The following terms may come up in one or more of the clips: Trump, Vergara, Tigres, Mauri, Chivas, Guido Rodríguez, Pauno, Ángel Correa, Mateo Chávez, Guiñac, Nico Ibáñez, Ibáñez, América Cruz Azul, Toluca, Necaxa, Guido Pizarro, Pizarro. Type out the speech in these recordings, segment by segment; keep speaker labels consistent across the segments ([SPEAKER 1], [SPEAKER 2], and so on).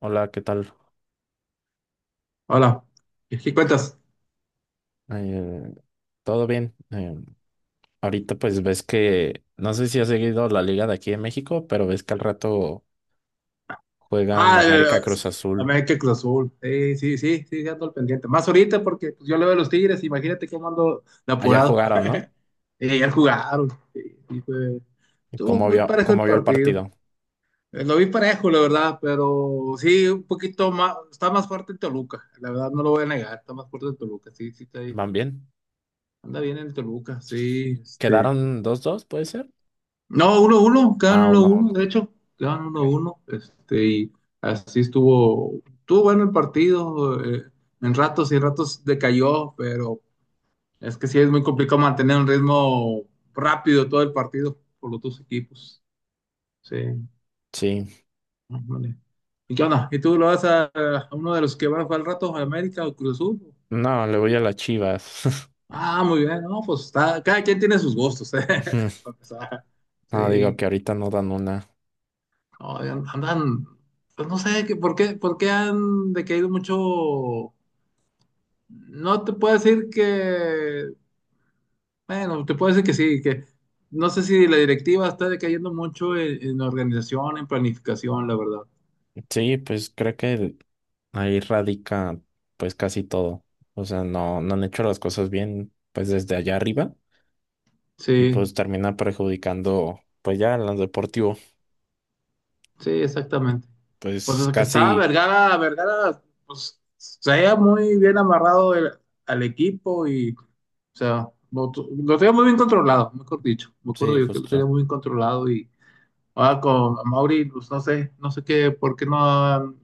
[SPEAKER 1] Hola, ¿qué tal?
[SPEAKER 2] Hola, ¿qué cuentas?
[SPEAKER 1] Eh, ¿Todo bien? Ahorita pues ves que, no sé si has seguido la liga de aquí de México, pero ves que al rato juegan
[SPEAKER 2] Ah,
[SPEAKER 1] América
[SPEAKER 2] sí,
[SPEAKER 1] Cruz Azul.
[SPEAKER 2] América Cruz Azul. Sí, sí, sí, sí, sí, ando al pendiente. Más ahorita porque pues, yo le veo a los Tigres, imagínate cómo ando de
[SPEAKER 1] Ayer
[SPEAKER 2] apurado.
[SPEAKER 1] jugaron, ¿no?
[SPEAKER 2] Ayer jugaron. Sí, sí.
[SPEAKER 1] ¿Y
[SPEAKER 2] Estuvo
[SPEAKER 1] ¿Cómo
[SPEAKER 2] muy
[SPEAKER 1] vio,
[SPEAKER 2] parejo el
[SPEAKER 1] cómo vio el
[SPEAKER 2] partido.
[SPEAKER 1] partido?
[SPEAKER 2] Lo vi parejo, la verdad, pero sí, un poquito más, está más fuerte el Toluca, la verdad no lo voy a negar, está más fuerte el Toluca, sí, sí, está ahí.
[SPEAKER 1] ¿Van bien?
[SPEAKER 2] Anda bien el Toluca, sí, este.
[SPEAKER 1] ¿Quedaron 2-2? ¿Puede ser?
[SPEAKER 2] No, 1-1, quedan
[SPEAKER 1] Ah,
[SPEAKER 2] uno
[SPEAKER 1] uno,
[SPEAKER 2] uno
[SPEAKER 1] uno.
[SPEAKER 2] de hecho, quedan
[SPEAKER 1] Ok.
[SPEAKER 2] 1-1, este, y así estuvo, estuvo bueno el partido, en ratos y en ratos decayó, pero es que sí es muy complicado mantener un ritmo rápido todo el partido por los dos equipos. Sí,
[SPEAKER 1] Sí.
[SPEAKER 2] ándale. ¿Y qué onda? ¿Y tú lo vas a uno de los que va al rato a América o Cruz Azul?
[SPEAKER 1] No, le voy a las Chivas.
[SPEAKER 2] Ah, muy bien, no, pues está, cada quien tiene sus gustos, para empezar.
[SPEAKER 1] No, digo
[SPEAKER 2] Sí.
[SPEAKER 1] que ahorita no dan una.
[SPEAKER 2] No, andan, pues no sé qué, por qué han decaído mucho. No te puedo decir que, bueno, te puedo decir que sí, que no sé si la directiva está decayendo mucho en, organización, en planificación, la verdad.
[SPEAKER 1] Sí, pues creo que ahí radica pues casi todo. O sea, no, no han hecho las cosas bien pues desde allá arriba y
[SPEAKER 2] Sí,
[SPEAKER 1] pues termina perjudicando pues ya en lo deportivo.
[SPEAKER 2] sí, exactamente. Pues
[SPEAKER 1] Pues
[SPEAKER 2] desde que estaba
[SPEAKER 1] casi,
[SPEAKER 2] Vergara, pues se veía muy bien amarrado al equipo y, o sea, lo tenía muy bien controlado, mejor dicho. Me
[SPEAKER 1] sí,
[SPEAKER 2] acuerdo yo que lo tenía
[SPEAKER 1] justo.
[SPEAKER 2] muy bien controlado y, ah, con Mauri, pues no sé qué, por qué no han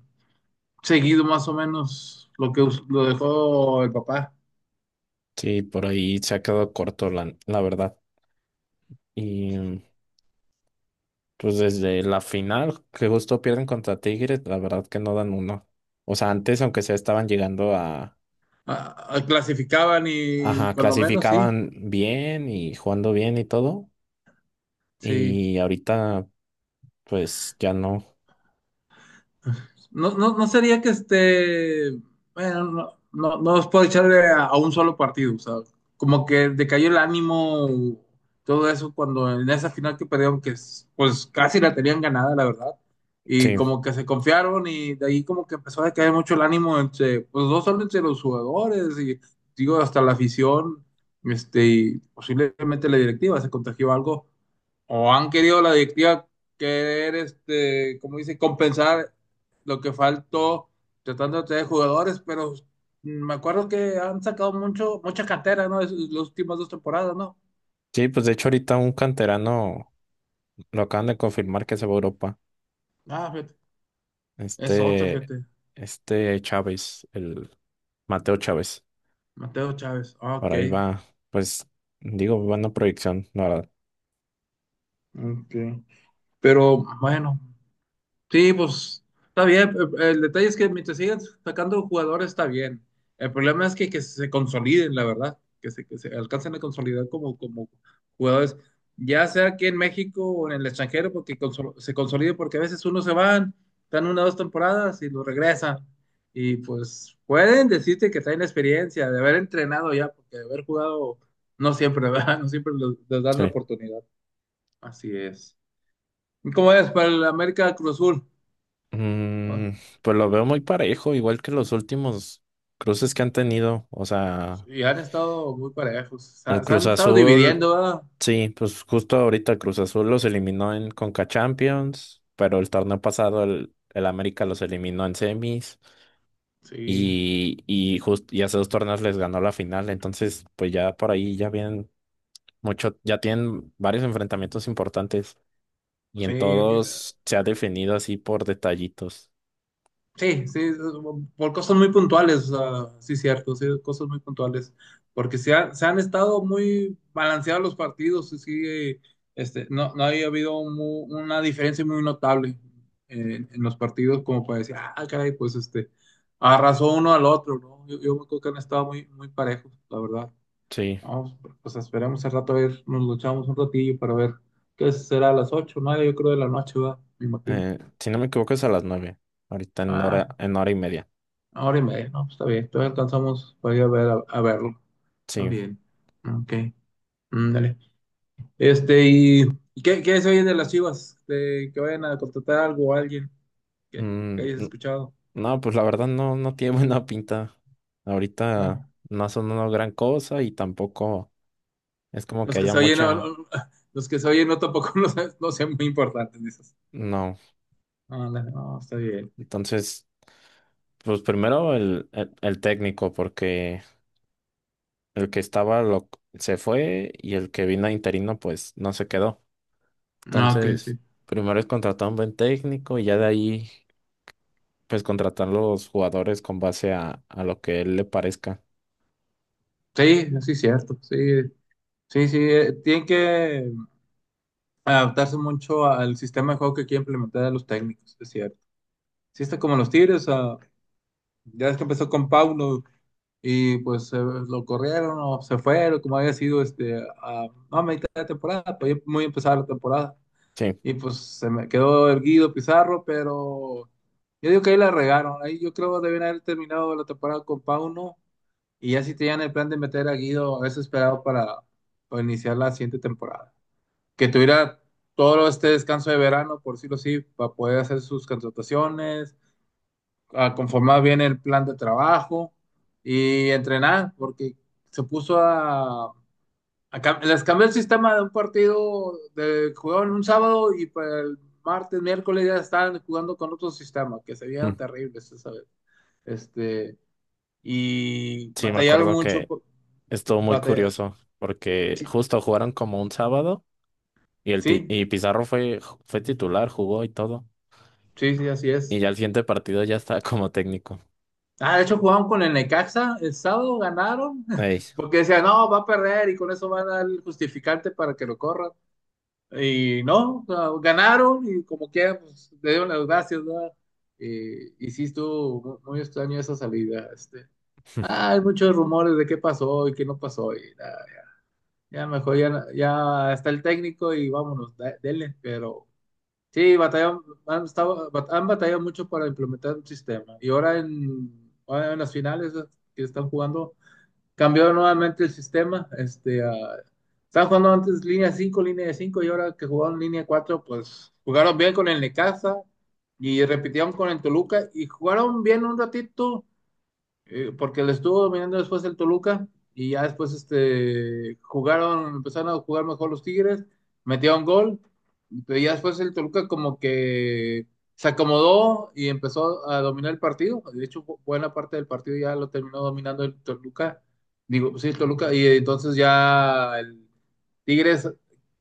[SPEAKER 2] seguido más o menos lo que lo dejó el papá.
[SPEAKER 1] Sí, por ahí se ha quedado corto la verdad. Y pues desde la final que justo pierden contra Tigres, la verdad que no dan uno. O sea, antes aunque sea estaban llegando a,
[SPEAKER 2] Ah, ah, clasificaban y
[SPEAKER 1] ajá,
[SPEAKER 2] cuando menos, sí,
[SPEAKER 1] clasificaban bien y jugando bien y todo.
[SPEAKER 2] sí.
[SPEAKER 1] Y ahorita pues ya no.
[SPEAKER 2] No, no, no sería que esté. Bueno, no, no, no os puedo echarle a un solo partido, o sea, como que decayó el ánimo, todo eso, cuando en esa final que perdieron, que pues casi la tenían ganada, la verdad. Y
[SPEAKER 1] Sí,
[SPEAKER 2] como que se confiaron y de ahí como que empezó a decaer mucho el ánimo entre, pues no solo entre los jugadores y digo hasta la afición, este, y posiblemente la directiva se contagió algo o han querido la directiva querer, este, como dice, compensar lo que faltó tratando de traer jugadores, pero me acuerdo que han sacado mucho, mucha cantera, ¿no? Las últimas 2 temporadas, ¿no?
[SPEAKER 1] sí, pues de hecho ahorita un canterano lo acaban de confirmar que se va a Europa.
[SPEAKER 2] Ah, fíjate, es otro,
[SPEAKER 1] Este,
[SPEAKER 2] fíjate,
[SPEAKER 1] este Chávez, el Mateo Chávez.
[SPEAKER 2] Mateo Chávez, ah,
[SPEAKER 1] Por ahí
[SPEAKER 2] ok,
[SPEAKER 1] va, pues, digo, buena proyección, la verdad.
[SPEAKER 2] ok, pero bueno. Sí, pues está bien. El detalle es que mientras sigan sacando jugadores está bien. El problema es que se consoliden, la verdad, que se alcancen a consolidar como jugadores, ya sea aquí en México o en el extranjero, porque se consoliden, porque a veces unos se van, están una o 2 temporadas y lo regresan. Y pues pueden decirte que traen experiencia de haber entrenado ya, porque de haber jugado no siempre, ¿verdad? No siempre les dan la
[SPEAKER 1] Sí.
[SPEAKER 2] oportunidad. Así es. ¿Y cómo es para el América Cruz Azul? Ah.
[SPEAKER 1] Mm, pues lo veo muy parejo, igual que los últimos cruces que han tenido. O sea,
[SPEAKER 2] Y han estado muy parejos. Se,
[SPEAKER 1] el
[SPEAKER 2] ha- se
[SPEAKER 1] Cruz
[SPEAKER 2] han estado
[SPEAKER 1] Azul,
[SPEAKER 2] dividiendo, ¿verdad?
[SPEAKER 1] sí, pues justo ahorita el Cruz Azul los eliminó en Conca Champions, pero el torneo pasado el América los eliminó en semis.
[SPEAKER 2] Sí,
[SPEAKER 1] Y hace dos torneos les ganó la final, entonces pues ya por ahí ya vienen mucho, ya tienen varios enfrentamientos importantes y en
[SPEAKER 2] sí,
[SPEAKER 1] todos se ha definido así por detallitos.
[SPEAKER 2] sí, sí, por cosas muy puntuales, o sea, sí, cierto, sí, cosas muy puntuales. Porque se han estado muy balanceados los partidos, y sí, este, no, no había habido una diferencia muy notable en, los partidos, como para decir, ah, caray, pues este, arrasó uno al otro, ¿no? Yo me acuerdo que han estado muy, muy parejos, la verdad.
[SPEAKER 1] Sí,
[SPEAKER 2] Vamos, pues esperemos al rato a ver, nos luchamos un ratillo para ver qué será a las 8, o yo creo, de la noche, va, me imagino.
[SPEAKER 1] si no me equivoco es a las 9, ahorita en
[SPEAKER 2] Ah,
[SPEAKER 1] hora, en hora y media.
[SPEAKER 2] una hora y media, no, pues está bien, todavía alcanzamos para ir a ver, a verlo. Está
[SPEAKER 1] Sí,
[SPEAKER 2] bien, ok, mm, dale. Este, ¿y qué se oye de las Chivas? De que vayan a contratar algo o alguien que
[SPEAKER 1] Mm,
[SPEAKER 2] hayas
[SPEAKER 1] n-
[SPEAKER 2] escuchado.
[SPEAKER 1] no, pues la verdad no, no tiene buena pinta. Ahorita
[SPEAKER 2] No,
[SPEAKER 1] no son una gran cosa y tampoco es como que
[SPEAKER 2] los que
[SPEAKER 1] haya
[SPEAKER 2] se oyen, no,
[SPEAKER 1] mucha,
[SPEAKER 2] no, los que se oyen no tampoco, no, no sean muy importantes, dices.
[SPEAKER 1] no.
[SPEAKER 2] No, no, está bien.
[SPEAKER 1] Entonces, pues primero el técnico, porque el que estaba lo, se fue y el que vino interino pues no se quedó.
[SPEAKER 2] No, que
[SPEAKER 1] Entonces,
[SPEAKER 2] sí.
[SPEAKER 1] primero es contratar un buen técnico y ya de ahí pues contratar los jugadores con base a lo que él le parezca.
[SPEAKER 2] Sí, sí, es cierto. Sí, sí, sí, tienen que adaptarse mucho al sistema de juego que quieren implementar a los técnicos, es cierto. Sí, está como los Tigres, ah, ya es que empezó con Pauno y pues, lo corrieron o se fue, como había sido, este, a mitad de temporada, pues ya muy empezada la temporada.
[SPEAKER 1] Sí,
[SPEAKER 2] Y pues se me quedó el Guido Pizarro, pero yo digo que ahí la regaron. Ahí yo creo que deben haber terminado la temporada con Pauno y ya si tenían el plan de meter a Guido, es esperado para iniciar la siguiente temporada. Que tuviera todo este descanso de verano, por decirlo así, para poder hacer sus contrataciones, a conformar bien el plan de trabajo y entrenar, porque se puso les cambió el sistema de un partido de jugaban un sábado y para el martes, miércoles ya estaban jugando con otro sistema, que se
[SPEAKER 1] mm,
[SPEAKER 2] veían terribles esa vez. Este, y
[SPEAKER 1] sí, me
[SPEAKER 2] batallaron
[SPEAKER 1] acuerdo
[SPEAKER 2] mucho,
[SPEAKER 1] que estuvo muy
[SPEAKER 2] batalla-
[SPEAKER 1] curioso porque
[SPEAKER 2] sí,
[SPEAKER 1] justo jugaron como un sábado y, el ti-
[SPEAKER 2] sí,
[SPEAKER 1] y Pizarro fue titular, jugó y todo.
[SPEAKER 2] sí, sí, así
[SPEAKER 1] Y
[SPEAKER 2] es.
[SPEAKER 1] ya el siguiente partido ya estaba como técnico.
[SPEAKER 2] Ah, de hecho jugaron con el Necaxa el sábado, ganaron,
[SPEAKER 1] Ey,
[SPEAKER 2] porque decían, no, va a perder y con eso van a dar el justificante para que lo corran. Y no, o sea, ganaron y como quieran, pues le dieron las gracias, ¿verdad? Y sí estuvo muy extraño esa salida. Este. Ah, hay muchos rumores de qué pasó y qué no pasó. Y nada, ya, ya mejor ya, ya está el técnico y vámonos, denle, pero sí, batallan, han batallado mucho para implementar un sistema. Y ahora en, las finales que están jugando, cambió nuevamente el sistema. Este, ah, estaban jugando antes línea de cinco y ahora que jugaron línea cuatro, pues jugaron bien con el Necaxa y repitieron con el Toluca y jugaron bien un ratito, porque le estuvo dominando después el Toluca y ya después, este, jugaron, empezaron a jugar mejor los Tigres, metieron gol, y ya después el Toluca como que se acomodó y empezó a dominar el partido, de hecho buena parte del partido ya lo terminó dominando el Toluca, digo, sí, el Toluca, y entonces ya el Tigres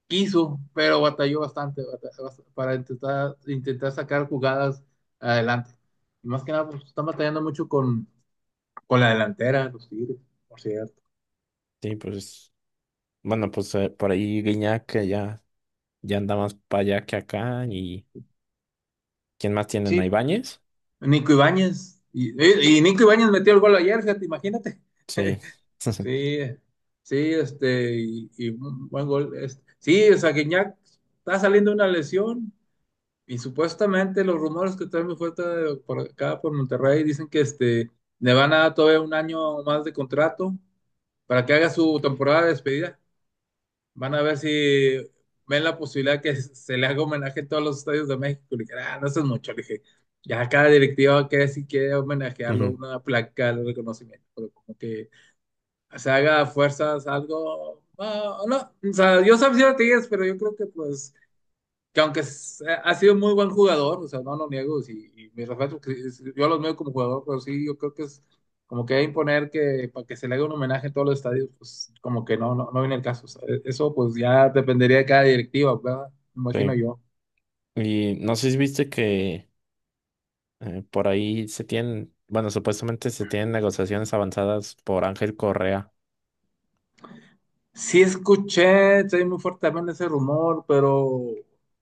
[SPEAKER 2] quiso, pero batalló bastante, para intentar, sacar jugadas adelante. Y más que nada, pues, están batallando mucho con la delantera, los Tigres, por cierto.
[SPEAKER 1] sí, pues bueno, pues por ahí Guiñac que ya. Ya anda más para allá que acá. ¿Y quién más tienen? ¿A
[SPEAKER 2] Sí,
[SPEAKER 1] Ibáñez?
[SPEAKER 2] Nico Ibáñez. Y Nico Ibáñez metió el gol ayer, fíjate, imagínate.
[SPEAKER 1] Sí.
[SPEAKER 2] Sí, sí, este, y un buen gol. Este. Sí, o sea, Guiñac está saliendo de una lesión y supuestamente los rumores que traen muy fuerte por acá, por Monterrey, dicen que, este, le van a dar todavía un año más de contrato para que haga su temporada de despedida. Van a ver si ven la posibilidad que se le haga homenaje a todos los estadios de México. Le dije, ah, no, eso es mucho. Le dije, ya cada directiva que si quiere homenajearlo,
[SPEAKER 1] Ujú,
[SPEAKER 2] una placa de reconocimiento, pero como que se haga a fuerzas algo. Ah, no, o sea, yo sabía de Tigres, pero yo creo que pues, que aunque ha sido muy buen jugador, o sea, no lo niego, sí, y mis respetos, que yo los veo como jugador, pero sí, yo creo que es como que imponer que para que se le haga un homenaje en todos los estadios, pues como que no, no, no viene el caso, o sea, eso pues ya dependería de cada directiva, ¿verdad? Me imagino
[SPEAKER 1] sí.
[SPEAKER 2] yo.
[SPEAKER 1] Y no sé si viste que por ahí se tienen, bueno, supuestamente se tienen negociaciones avanzadas por Ángel Correa.
[SPEAKER 2] Sí escuché, soy muy fuerte también ese rumor, pero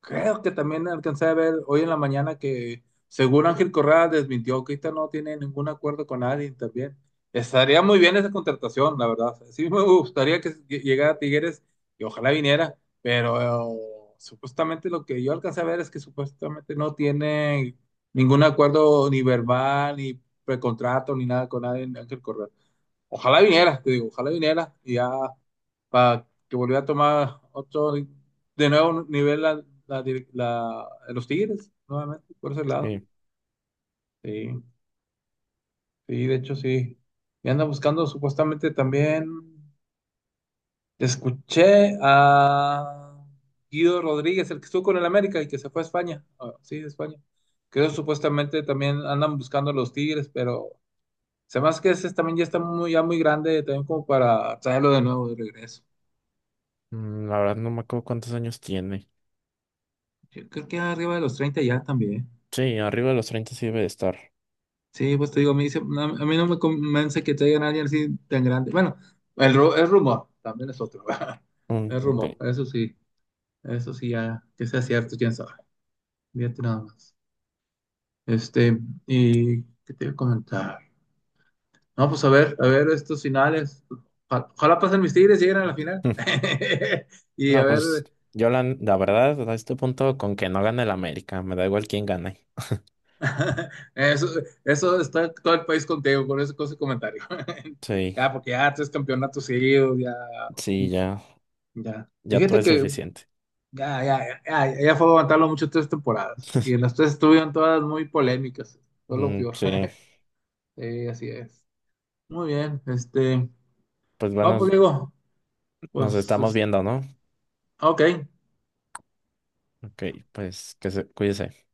[SPEAKER 2] creo que también alcancé a ver hoy en la mañana que según Ángel Correa desmintió que ahorita no tiene ningún acuerdo con nadie también. Estaría muy bien esa contratación, la verdad. Sí me gustaría que llegara Tigres y ojalá viniera, pero, supuestamente lo que yo alcancé a ver es que supuestamente no tiene ningún acuerdo ni verbal, ni precontrato, ni nada con nadie Ángel Correa. Ojalá vinieras, te digo, ojalá vinieras y ya para que volviera a tomar otro, de nuevo un nivel los Tigres, nuevamente, por ese lado.
[SPEAKER 1] Sí.
[SPEAKER 2] Sí, sí, de hecho sí. Y anda buscando supuestamente también, escuché a Guido Rodríguez, el que estuvo con el América y que se fue a España. Ah, sí, a España. Creo supuestamente también andan buscando a los Tigres, pero se me hace que ese también ya está muy, ya muy grande, también como para traerlo de nuevo de regreso.
[SPEAKER 1] La verdad no me acuerdo cuántos años tiene.
[SPEAKER 2] Yo creo que arriba de los 30 ya también.
[SPEAKER 1] Sí, arriba de los 30 sí debe de estar.
[SPEAKER 2] Sí, pues te digo, me dice, no, a mí no me convence que traigan a alguien así tan grande. Bueno, el rumor también es otro. ¿Verdad?
[SPEAKER 1] Mm,
[SPEAKER 2] El rumor,
[SPEAKER 1] ok.
[SPEAKER 2] eso sí, ya que sea cierto, quién sabe. Fíjate nada más. Este, ¿y qué te voy a comentar? No, pues a ver estos finales. Ojalá, ojalá pasen mis tigres, lleguen a la final.
[SPEAKER 1] Mm.
[SPEAKER 2] Y
[SPEAKER 1] No,
[SPEAKER 2] a
[SPEAKER 1] pues
[SPEAKER 2] ver.
[SPEAKER 1] yo la verdad a este punto con que no gane el América, me da igual quién gane.
[SPEAKER 2] Eso, eso está todo el país contigo con ese comentario.
[SPEAKER 1] Sí,
[SPEAKER 2] Ya, porque ya tres campeonatos seguidos, ya,
[SPEAKER 1] sí, ya,
[SPEAKER 2] ya. Y
[SPEAKER 1] ya todo
[SPEAKER 2] fíjate
[SPEAKER 1] es
[SPEAKER 2] que
[SPEAKER 1] suficiente.
[SPEAKER 2] ya, ya, ya, ya, ya fue aguantarlo mucho 3 temporadas. Y en las tres estuvieron todas muy polémicas. Fue lo
[SPEAKER 1] Mm,
[SPEAKER 2] peor.
[SPEAKER 1] sí.
[SPEAKER 2] Sí, así es. Muy bien, este.
[SPEAKER 1] Pues
[SPEAKER 2] No,
[SPEAKER 1] bueno,
[SPEAKER 2] pues digo,
[SPEAKER 1] nos
[SPEAKER 2] pues,
[SPEAKER 1] estamos viendo, ¿no?
[SPEAKER 2] ok.
[SPEAKER 1] Ok, pues que se cuídese.